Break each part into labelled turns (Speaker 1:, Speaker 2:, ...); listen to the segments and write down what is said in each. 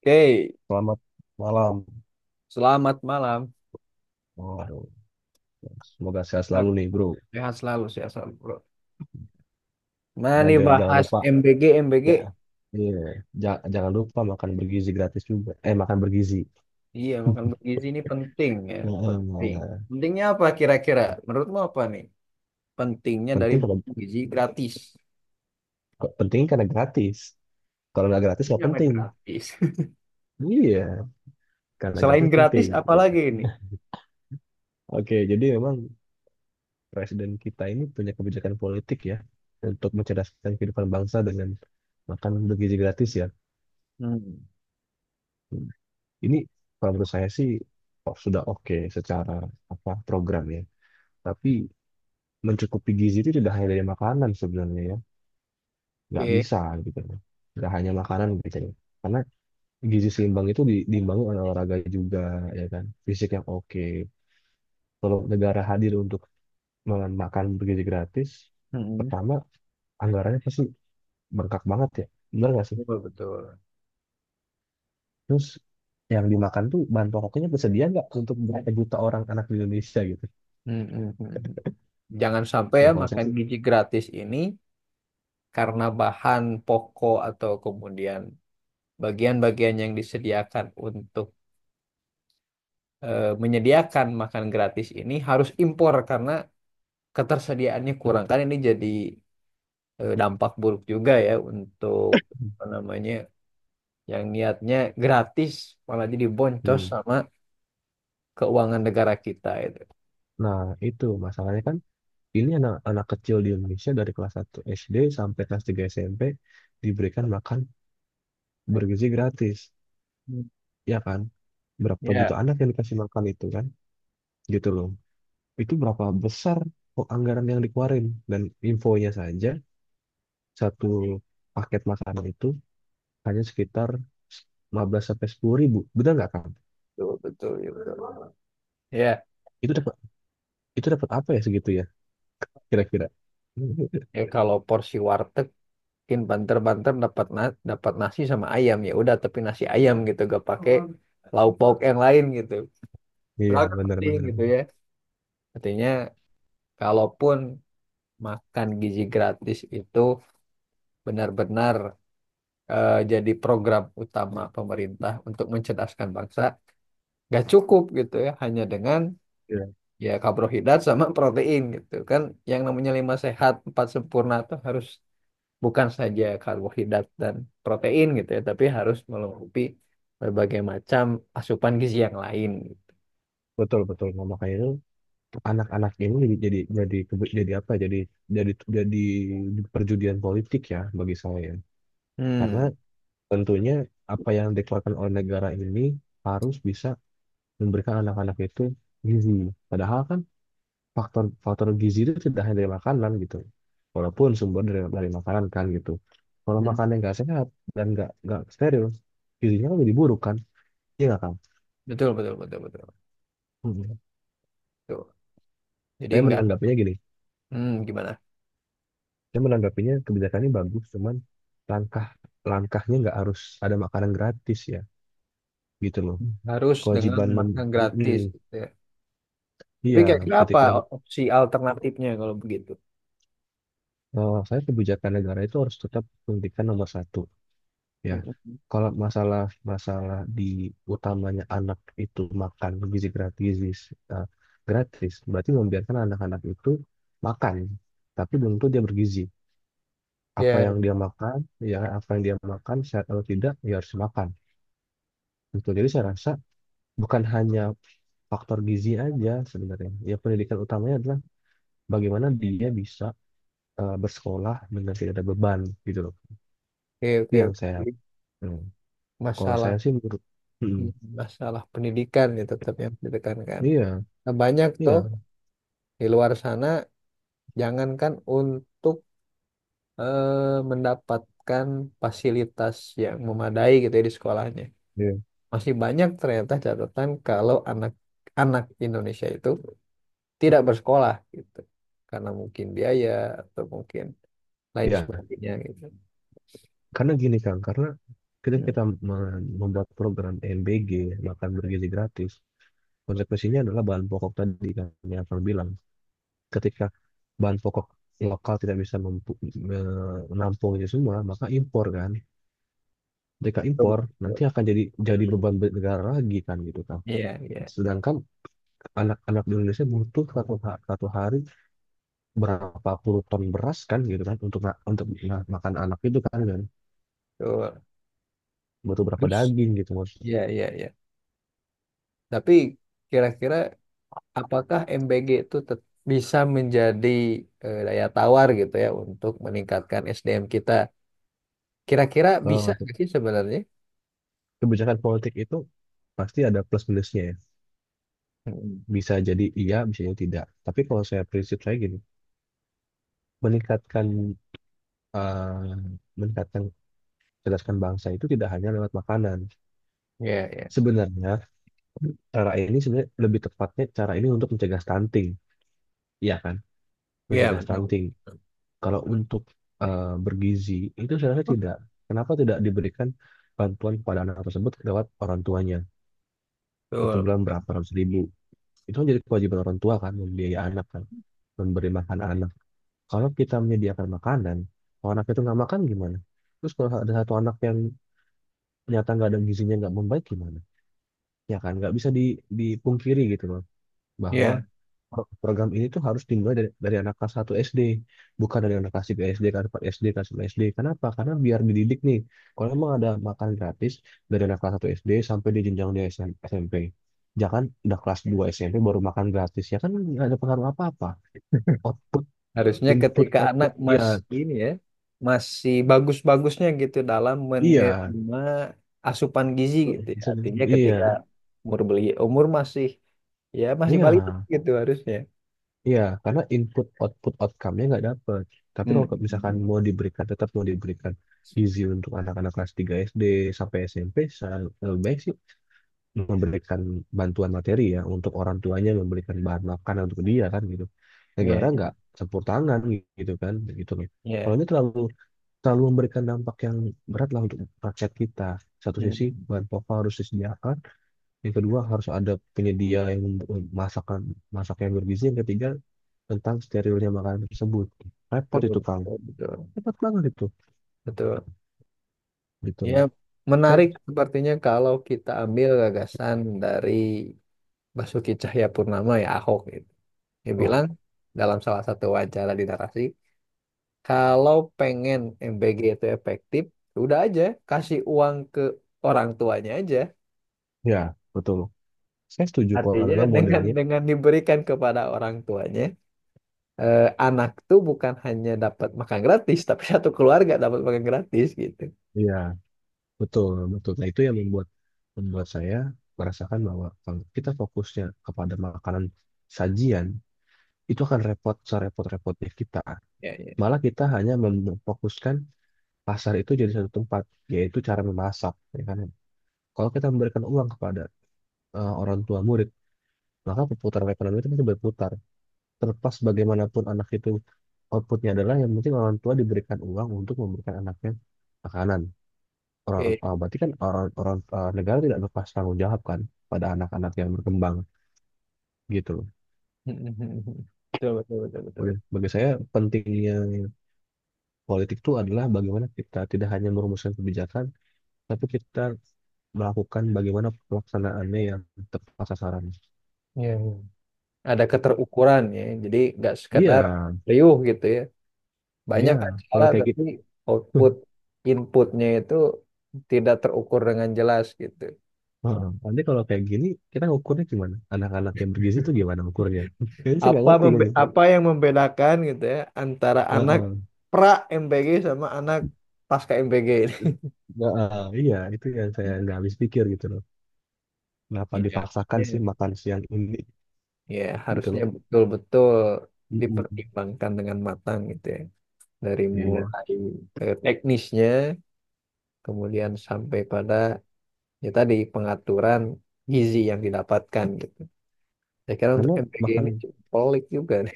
Speaker 1: Oke,
Speaker 2: Selamat malam.
Speaker 1: selamat malam.
Speaker 2: Waduh, semoga sehat
Speaker 1: Bro.
Speaker 2: selalu nih, bro.
Speaker 1: Sehat selalu, bro. Mana
Speaker 2: Dan
Speaker 1: nih
Speaker 2: jangan
Speaker 1: bahas
Speaker 2: lupa,
Speaker 1: MBG, MBG?
Speaker 2: ya, iya, jangan lupa makan bergizi gratis juga. Eh, makan bergizi.
Speaker 1: Iya, makan bergizi ini penting ya, penting.
Speaker 2: Heeh.
Speaker 1: Pentingnya apa kira-kira? Menurutmu apa nih? Pentingnya dari
Speaker 2: Penting kalau
Speaker 1: gizi gratis.
Speaker 2: penting karena gratis. Kalau nggak gratis
Speaker 1: Ini
Speaker 2: nggak
Speaker 1: namanya
Speaker 2: penting.
Speaker 1: gratis.
Speaker 2: Iya, karena
Speaker 1: Selain
Speaker 2: gratis
Speaker 1: gratis,
Speaker 2: penting.
Speaker 1: apa
Speaker 2: Ya.
Speaker 1: lagi ini?
Speaker 2: Oke, jadi memang presiden kita ini punya kebijakan politik ya untuk mencerdaskan kehidupan bangsa dengan makan bergizi gratis ya.
Speaker 1: Hmm.
Speaker 2: Ini kalau menurut saya sih, oh, sudah oke secara apa program ya. Tapi mencukupi gizi itu tidak hanya dari makanan sebenarnya ya. Nggak
Speaker 1: Oke.
Speaker 2: bisa gitu loh. Nggak hanya makanan gitu ya. Karena gizi seimbang itu diimbangi oleh olahraga juga, ya kan. Fisik yang oke. Kalau negara hadir untuk makan bergizi gratis,
Speaker 1: Hmm.
Speaker 2: pertama anggarannya pasti bengkak banget ya. Benar nggak sih?
Speaker 1: Betul, betul.
Speaker 2: Terus yang dimakan tuh bahan pokoknya tersedia nggak untuk berapa juta orang anak di Indonesia gitu.
Speaker 1: Hmm, hmm, hmm, hmm. Jangan sampai
Speaker 2: Nah
Speaker 1: ya
Speaker 2: kalau saya
Speaker 1: makan
Speaker 2: sih,
Speaker 1: gizi gratis ini karena bahan pokok atau kemudian bagian-bagian yang disediakan untuk menyediakan makan gratis ini harus impor karena ketersediaannya kurang. Kan ini jadi dampak buruk juga ya untuk apa namanya yang niatnya gratis malah jadi boncos
Speaker 2: hmm.
Speaker 1: sama keuangan negara kita itu.
Speaker 2: Nah, itu masalahnya kan ini anak anak kecil di Indonesia dari kelas 1 SD sampai kelas 3 SMP diberikan makan bergizi gratis,
Speaker 1: Hmm.
Speaker 2: ya kan? Berapa juta
Speaker 1: Ya,
Speaker 2: anak yang dikasih makan itu kan? Gitu loh. Itu berapa besar kok anggaran yang dikeluarin, dan infonya saja satu paket makanan itu hanya sekitar 15 sampai 10 ribu. Benar nggak kan?
Speaker 1: betul betul. Ya,
Speaker 2: Itu dapat itu dapat apa ya segitu ya kira-kira?
Speaker 1: ya kalau porsi warteg mungkin banter-banter dapat nasi sama ayam ya udah tapi nasi ayam gitu gak pakai lauk pauk yang lain gitu.
Speaker 2: Iya,
Speaker 1: Padahal kan
Speaker 2: benar
Speaker 1: penting
Speaker 2: benar
Speaker 1: gitu
Speaker 2: benar.
Speaker 1: ya. Artinya, kalaupun makan gizi gratis itu benar-benar jadi program utama pemerintah untuk mencerdaskan bangsa, nggak cukup gitu ya, hanya dengan
Speaker 2: Iya,
Speaker 1: ya karbohidrat sama protein gitu kan. Yang namanya lima sehat, empat sempurna itu harus bukan saja karbohidrat dan protein gitu ya, tapi harus melengkapi berbagai macam asupan gizi yang lain.
Speaker 2: betul betul. Nah, makanya itu anak-anak ini jadi apa ya, jadi perjudian politik ya bagi saya ya. Karena
Speaker 1: Hmm,
Speaker 2: tentunya apa yang dikeluarkan oleh negara ini harus bisa memberikan anak-anak itu gizi, padahal kan faktor faktor gizi itu tidak hanya dari makanan gitu, walaupun sumber dari makanan kan gitu. Kalau
Speaker 1: hmm.
Speaker 2: makanan yang nggak sehat dan nggak steril gizinya kan jadi buruk kan, iya nggak kan.
Speaker 1: Betul, betul, betul, betul,
Speaker 2: Mhm.
Speaker 1: betul. Jadi
Speaker 2: Saya
Speaker 1: nggak.
Speaker 2: menanggapinya gini.
Speaker 1: Hmm, gimana?
Speaker 2: Saya menanggapinya kebijakan ini bagus, cuman langkah langkahnya nggak harus ada makanan gratis ya, gitu loh.
Speaker 1: Harus dengan
Speaker 2: Kewajiban mem
Speaker 1: makan
Speaker 2: Mm,
Speaker 1: gratis gitu ya. Tapi
Speaker 2: iya,
Speaker 1: kira-kira apa
Speaker 2: ketika,
Speaker 1: opsi alternatifnya kalau begitu?
Speaker 2: eh, saya, kebijakan negara itu harus tetap pendidikan nomor satu ya.
Speaker 1: Mm-mm.
Speaker 2: Kalau masalah masalah di utamanya anak itu makan gizi gratis, eh, gratis berarti membiarkan anak-anak itu makan, tapi belum tentu dia bergizi. Apa yang
Speaker 1: Ya,
Speaker 2: dia makan, ya apa yang dia makan sehat atau tidak, ya harus makan. Betul. Jadi saya rasa bukan hanya faktor gizi aja sebenarnya. Ya pendidikan utamanya adalah bagaimana dia bisa bersekolah dengan tidak ada beban gitu loh.
Speaker 1: oke,
Speaker 2: Itu
Speaker 1: oke.
Speaker 2: yang
Speaker 1: Oke.
Speaker 2: saya,
Speaker 1: Jadi,
Speaker 2: hmm. Kalau saya
Speaker 1: Masalah
Speaker 2: sih menurut, hmm.
Speaker 1: masalah pendidikan ya tetap yang ditekankan.
Speaker 2: Iya,
Speaker 1: Nah, banyak toh
Speaker 2: iya,
Speaker 1: di luar sana jangankan untuk mendapatkan fasilitas yang memadai gitu ya di sekolahnya.
Speaker 2: iya.
Speaker 1: Masih banyak ternyata catatan kalau anak-anak Indonesia itu tidak bersekolah gitu. Karena mungkin biaya atau mungkin lain
Speaker 2: Iya,
Speaker 1: sebagainya gitu.
Speaker 2: karena gini Kang, karena ketika
Speaker 1: Hmm.
Speaker 2: kita membuat program MBG, makan bergizi gratis, konsekuensinya adalah bahan pokok tadi kan yang Kang bilang. Ketika bahan pokok lokal tidak bisa menampung itu semua, maka impor kan. Mereka
Speaker 1: Betul,
Speaker 2: impor nanti
Speaker 1: betul.
Speaker 2: akan jadi beban negara lagi kan gitu kan.
Speaker 1: Iya, iya.
Speaker 2: Sedangkan anak-anak di Indonesia butuh satu hari berapa puluh ton beras kan gitu kan makan anak itu kan kan,
Speaker 1: Betul.
Speaker 2: butuh berapa
Speaker 1: Terus,
Speaker 2: daging gitu maksudnya.
Speaker 1: iya, iya, iya. Tapi kira-kira apakah MBG itu bisa menjadi daya tawar gitu ya untuk meningkatkan SDM kita? Kira-kira bisa
Speaker 2: Eh,
Speaker 1: nggak sih sebenarnya?
Speaker 2: Kebijakan politik itu pasti ada plus minusnya ya.
Speaker 1: Hmm.
Speaker 2: Bisa jadi iya, bisa jadi tidak. Tapi kalau saya, prinsip saya gini, meningkatkan, eh meningkatkan cerdaskan bangsa itu tidak hanya lewat makanan.
Speaker 1: Iya, iya.
Speaker 2: Sebenarnya cara ini, sebenarnya lebih tepatnya cara ini untuk mencegah stunting, ya kan?
Speaker 1: Iya,
Speaker 2: Mencegah
Speaker 1: betul.
Speaker 2: stunting. Kalau untuk bergizi itu saya rasa tidak. Kenapa tidak diberikan bantuan kepada anak tersebut lewat orang tuanya? Satu
Speaker 1: Betul,
Speaker 2: bulan
Speaker 1: betul.
Speaker 2: berapa ratus ribu? Itu kan jadi kewajiban orang tua kan, membiayai anak kan, memberi makan anak. Kalau kita menyediakan makanan, kalau anak itu nggak makan gimana? Terus kalau ada satu anak yang ternyata nggak ada gizinya, nggak membaik gimana? Ya kan, nggak bisa dipungkiri gitu loh, bahwa
Speaker 1: Iya.
Speaker 2: program ini tuh harus dimulai dari anak kelas 1 SD, bukan dari anak kelas 3 SD, kelas 4 SD, kelas 5 SD. Kenapa? Karena biar dididik nih. Kalau emang ada makan gratis dari anak kelas 1 SD sampai di jenjang dia SMP. Jangan udah kelas 2 SMP baru makan gratis. Ya kan nggak ada pengaruh apa-apa. Out-
Speaker 1: Harusnya
Speaker 2: Input,
Speaker 1: ketika anak
Speaker 2: output,
Speaker 1: mas
Speaker 2: iya,
Speaker 1: ini ya masih bagus-bagusnya gitu dalam
Speaker 2: iya,
Speaker 1: menerima asupan gizi gitu ya. Artinya
Speaker 2: mm,
Speaker 1: ketika
Speaker 2: iya,
Speaker 1: umur masih ya masih balita
Speaker 2: iya.
Speaker 1: gitu harusnya.
Speaker 2: Iya, karena input output outcome-nya nggak dapet. Tapi
Speaker 1: Hmm.
Speaker 2: kalau misalkan mau diberikan, tetap mau diberikan gizi untuk anak-anak kelas 3 SD sampai SMP, saya lebih baik sih memberikan bantuan materi ya untuk orang tuanya memberikan bahan makanan untuk dia kan gitu. Negara
Speaker 1: Ya,
Speaker 2: nggak campur tangan gitu kan, gitu loh. Kalau
Speaker 1: ya.
Speaker 2: ini terlalu terlalu memberikan dampak yang berat lah untuk rakyat kita. Satu sisi
Speaker 1: Hmm.
Speaker 2: bahan pokok harus disediakan, yang kedua harus ada penyedia yang membuat masak yang bergizi. Yang ketiga tentang sterilnya makanan tersebut. Repot
Speaker 1: Betul,
Speaker 2: itu Kang.
Speaker 1: betul, betul.
Speaker 2: Repot banget itu.
Speaker 1: Betul.
Speaker 2: Gitu
Speaker 1: Ya,
Speaker 2: loh. Saya,
Speaker 1: menarik sepertinya kalau kita ambil gagasan dari Basuki Cahayapurnama ya Ahok gitu. Dia
Speaker 2: oh
Speaker 1: bilang dalam salah satu wawancara di Narasi. Kalau pengen MBG itu efektif, udah aja kasih uang ke orang tuanya aja.
Speaker 2: ya betul. Saya setuju kalau
Speaker 1: Artinya
Speaker 2: memang
Speaker 1: dengan
Speaker 2: modelnya.
Speaker 1: dengan diberikan kepada orang tuanya, anak tuh bukan hanya dapat makan gratis, tapi satu keluarga dapat makan gratis gitu.
Speaker 2: Ya betul betul. Nah itu yang membuat membuat saya merasakan bahwa kalau kita fokusnya kepada makanan sajian itu akan repot serepot-repotnya kita.
Speaker 1: Ya, ya.
Speaker 2: Malah kita hanya memfokuskan pasar itu jadi satu tempat, yaitu cara memasak, ya kan? Kalau kita memberikan uang kepada, orang tua murid, maka perputaran ekonomi itu pasti berputar. Terlepas bagaimanapun anak itu, outputnya adalah yang penting orang tua diberikan uang untuk memberikan anaknya makanan. Orang,
Speaker 1: Oke.
Speaker 2: ah, berarti kan orang, orang ah, negara tidak lepas tanggung jawab kan pada anak-anak yang berkembang gitu loh.
Speaker 1: Betul, betul, betul, betul.
Speaker 2: Udah, bagi saya pentingnya politik itu adalah bagaimana kita tidak hanya merumuskan kebijakan, tapi kita melakukan bagaimana pelaksanaannya yang tepat sasaran.
Speaker 1: Ya, ya. Ada
Speaker 2: Gitu.
Speaker 1: keterukuran ya, jadi nggak sekedar
Speaker 2: Iya,
Speaker 1: riuh gitu ya.
Speaker 2: iya.
Speaker 1: Banyak acara
Speaker 2: Kalau kayak
Speaker 1: tapi
Speaker 2: gitu.
Speaker 1: output inputnya itu tidak terukur dengan jelas gitu.
Speaker 2: Heeh. Nanti kalau kayak gini, kita ukurnya gimana? Anak-anak yang bergizi itu gimana ukurnya? Jadi saya nggak
Speaker 1: Apa
Speaker 2: ngerti kan gitu.
Speaker 1: apa yang membedakan gitu ya antara anak
Speaker 2: Heeh.
Speaker 1: pra MPG sama anak pasca MPG ini?
Speaker 2: Nggak, eh, iya, itu yang saya nggak habis pikir gitu loh. Kenapa
Speaker 1: Iya.
Speaker 2: dipaksakan sih
Speaker 1: Iya.
Speaker 2: makan siang ini
Speaker 1: Ya,
Speaker 2: gitu
Speaker 1: harusnya
Speaker 2: loh.
Speaker 1: betul-betul
Speaker 2: Mm-mm.
Speaker 1: dipertimbangkan dengan matang gitu ya. Dari
Speaker 2: Iya,
Speaker 1: mulai teknisnya, kemudian sampai pada ya tadi pengaturan gizi yang didapatkan gitu. Saya kira untuk
Speaker 2: karena
Speaker 1: MPG ini
Speaker 2: makan,
Speaker 1: cukup pelik juga nih.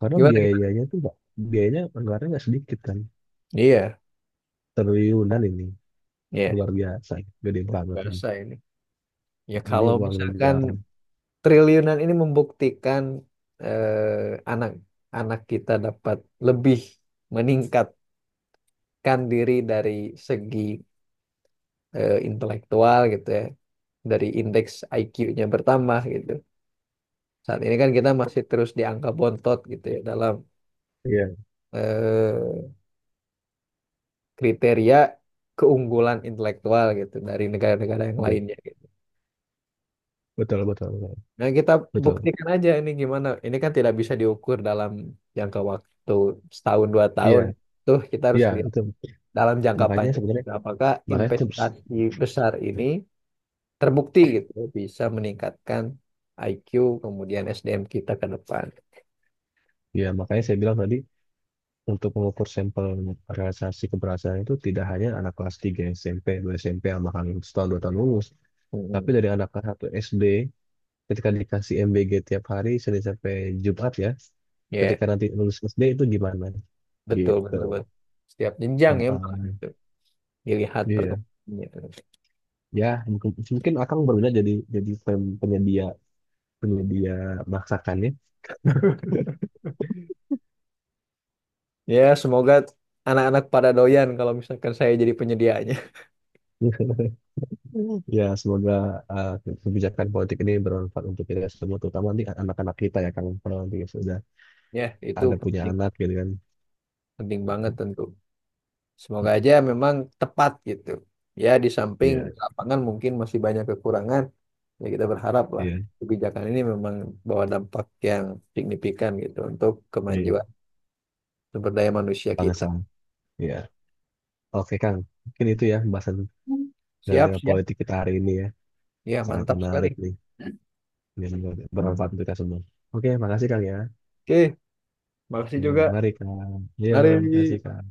Speaker 2: karena
Speaker 1: Gimana gimana?
Speaker 2: biayanya tuh nggak, biayanya anggarannya nggak sedikit kan.
Speaker 1: Iya,
Speaker 2: Triliunan ini,
Speaker 1: iya.
Speaker 2: luar biasa, gede
Speaker 1: Luar
Speaker 2: banget ini.
Speaker 1: biasa ini. Ya
Speaker 2: Ini
Speaker 1: kalau
Speaker 2: uang
Speaker 1: misalkan
Speaker 2: negara.
Speaker 1: triliunan ini membuktikan anak anak kita dapat lebih meningkatkan diri dari segi intelektual gitu ya dari indeks IQ-nya bertambah gitu saat ini kan kita masih terus di angka bontot gitu ya dalam
Speaker 2: Iya,
Speaker 1: eh, kriteria keunggulan intelektual gitu dari negara-negara yang
Speaker 2: iya,
Speaker 1: lainnya gitu.
Speaker 2: betul, betul, betul,
Speaker 1: Nah, kita
Speaker 2: betul.
Speaker 1: buktikan aja ini gimana. Ini kan tidak bisa diukur dalam jangka waktu setahun dua
Speaker 2: Iya,
Speaker 1: tahun tuh kita harus
Speaker 2: iya,
Speaker 1: lihat
Speaker 2: itu
Speaker 1: dalam jangka
Speaker 2: makanya
Speaker 1: panjang.
Speaker 2: sebenarnya,
Speaker 1: Apakah
Speaker 2: makanya se-
Speaker 1: investasi besar ini terbukti gitu bisa meningkatkan IQ kemudian SDM kita ke depan.
Speaker 2: ya, makanya saya bilang tadi untuk mengukur sampel realisasi keberhasilan itu tidak hanya anak kelas 3 SMP, 2 SMP sama kan setahun dua tahun lulus, tapi
Speaker 1: mm
Speaker 2: dari anak kelas 1 SD ketika dikasih MBG tiap hari Senin sampai Jumat ya,
Speaker 1: Ya,
Speaker 2: ketika nanti lulus SD itu gimana
Speaker 1: betul
Speaker 2: gitu.
Speaker 1: betul betul. Setiap jenjang
Speaker 2: Nah,
Speaker 1: ya malah gitu. Dilihat
Speaker 2: iya.
Speaker 1: perkembangannya.
Speaker 2: Ya, mungkin, mungkin akan berbeda, jadi penyedia penyedia masakannya.
Speaker 1: Ya, semoga anak-anak pada doyan kalau misalkan saya jadi penyediaannya.
Speaker 2: Ya, semoga, uh, kebijakan politik ini bermanfaat untuk kita semua, terutama nanti anak-anak kita ya, Kang. Kalau nanti sudah
Speaker 1: Ya, itu
Speaker 2: ada punya
Speaker 1: penting
Speaker 2: anak gitu kan.
Speaker 1: penting banget tentu. Semoga aja memang tepat gitu. Ya, di samping
Speaker 2: Iya,
Speaker 1: lapangan mungkin masih banyak kekurangan, ya kita berharap lah
Speaker 2: iya,
Speaker 1: kebijakan ini memang bawa dampak yang signifikan gitu untuk
Speaker 2: iya.
Speaker 1: kemajuan sumber daya manusia kita.
Speaker 2: Bangsa. Iya. Oke, Kang. Mungkin itu ya pembahasan dengan
Speaker 1: Siap,
Speaker 2: tema
Speaker 1: siap.
Speaker 2: politik kita hari ini ya.
Speaker 1: Ya,
Speaker 2: Sangat
Speaker 1: mantap sekali.
Speaker 2: menarik nih. Ini semoga bermanfaat untuk kita semua. Oke, makasih Kang ya.
Speaker 1: Oke, makasih
Speaker 2: Oke,
Speaker 1: juga.
Speaker 2: mari Kang. Yo,
Speaker 1: Mari.
Speaker 2: makasih Kang.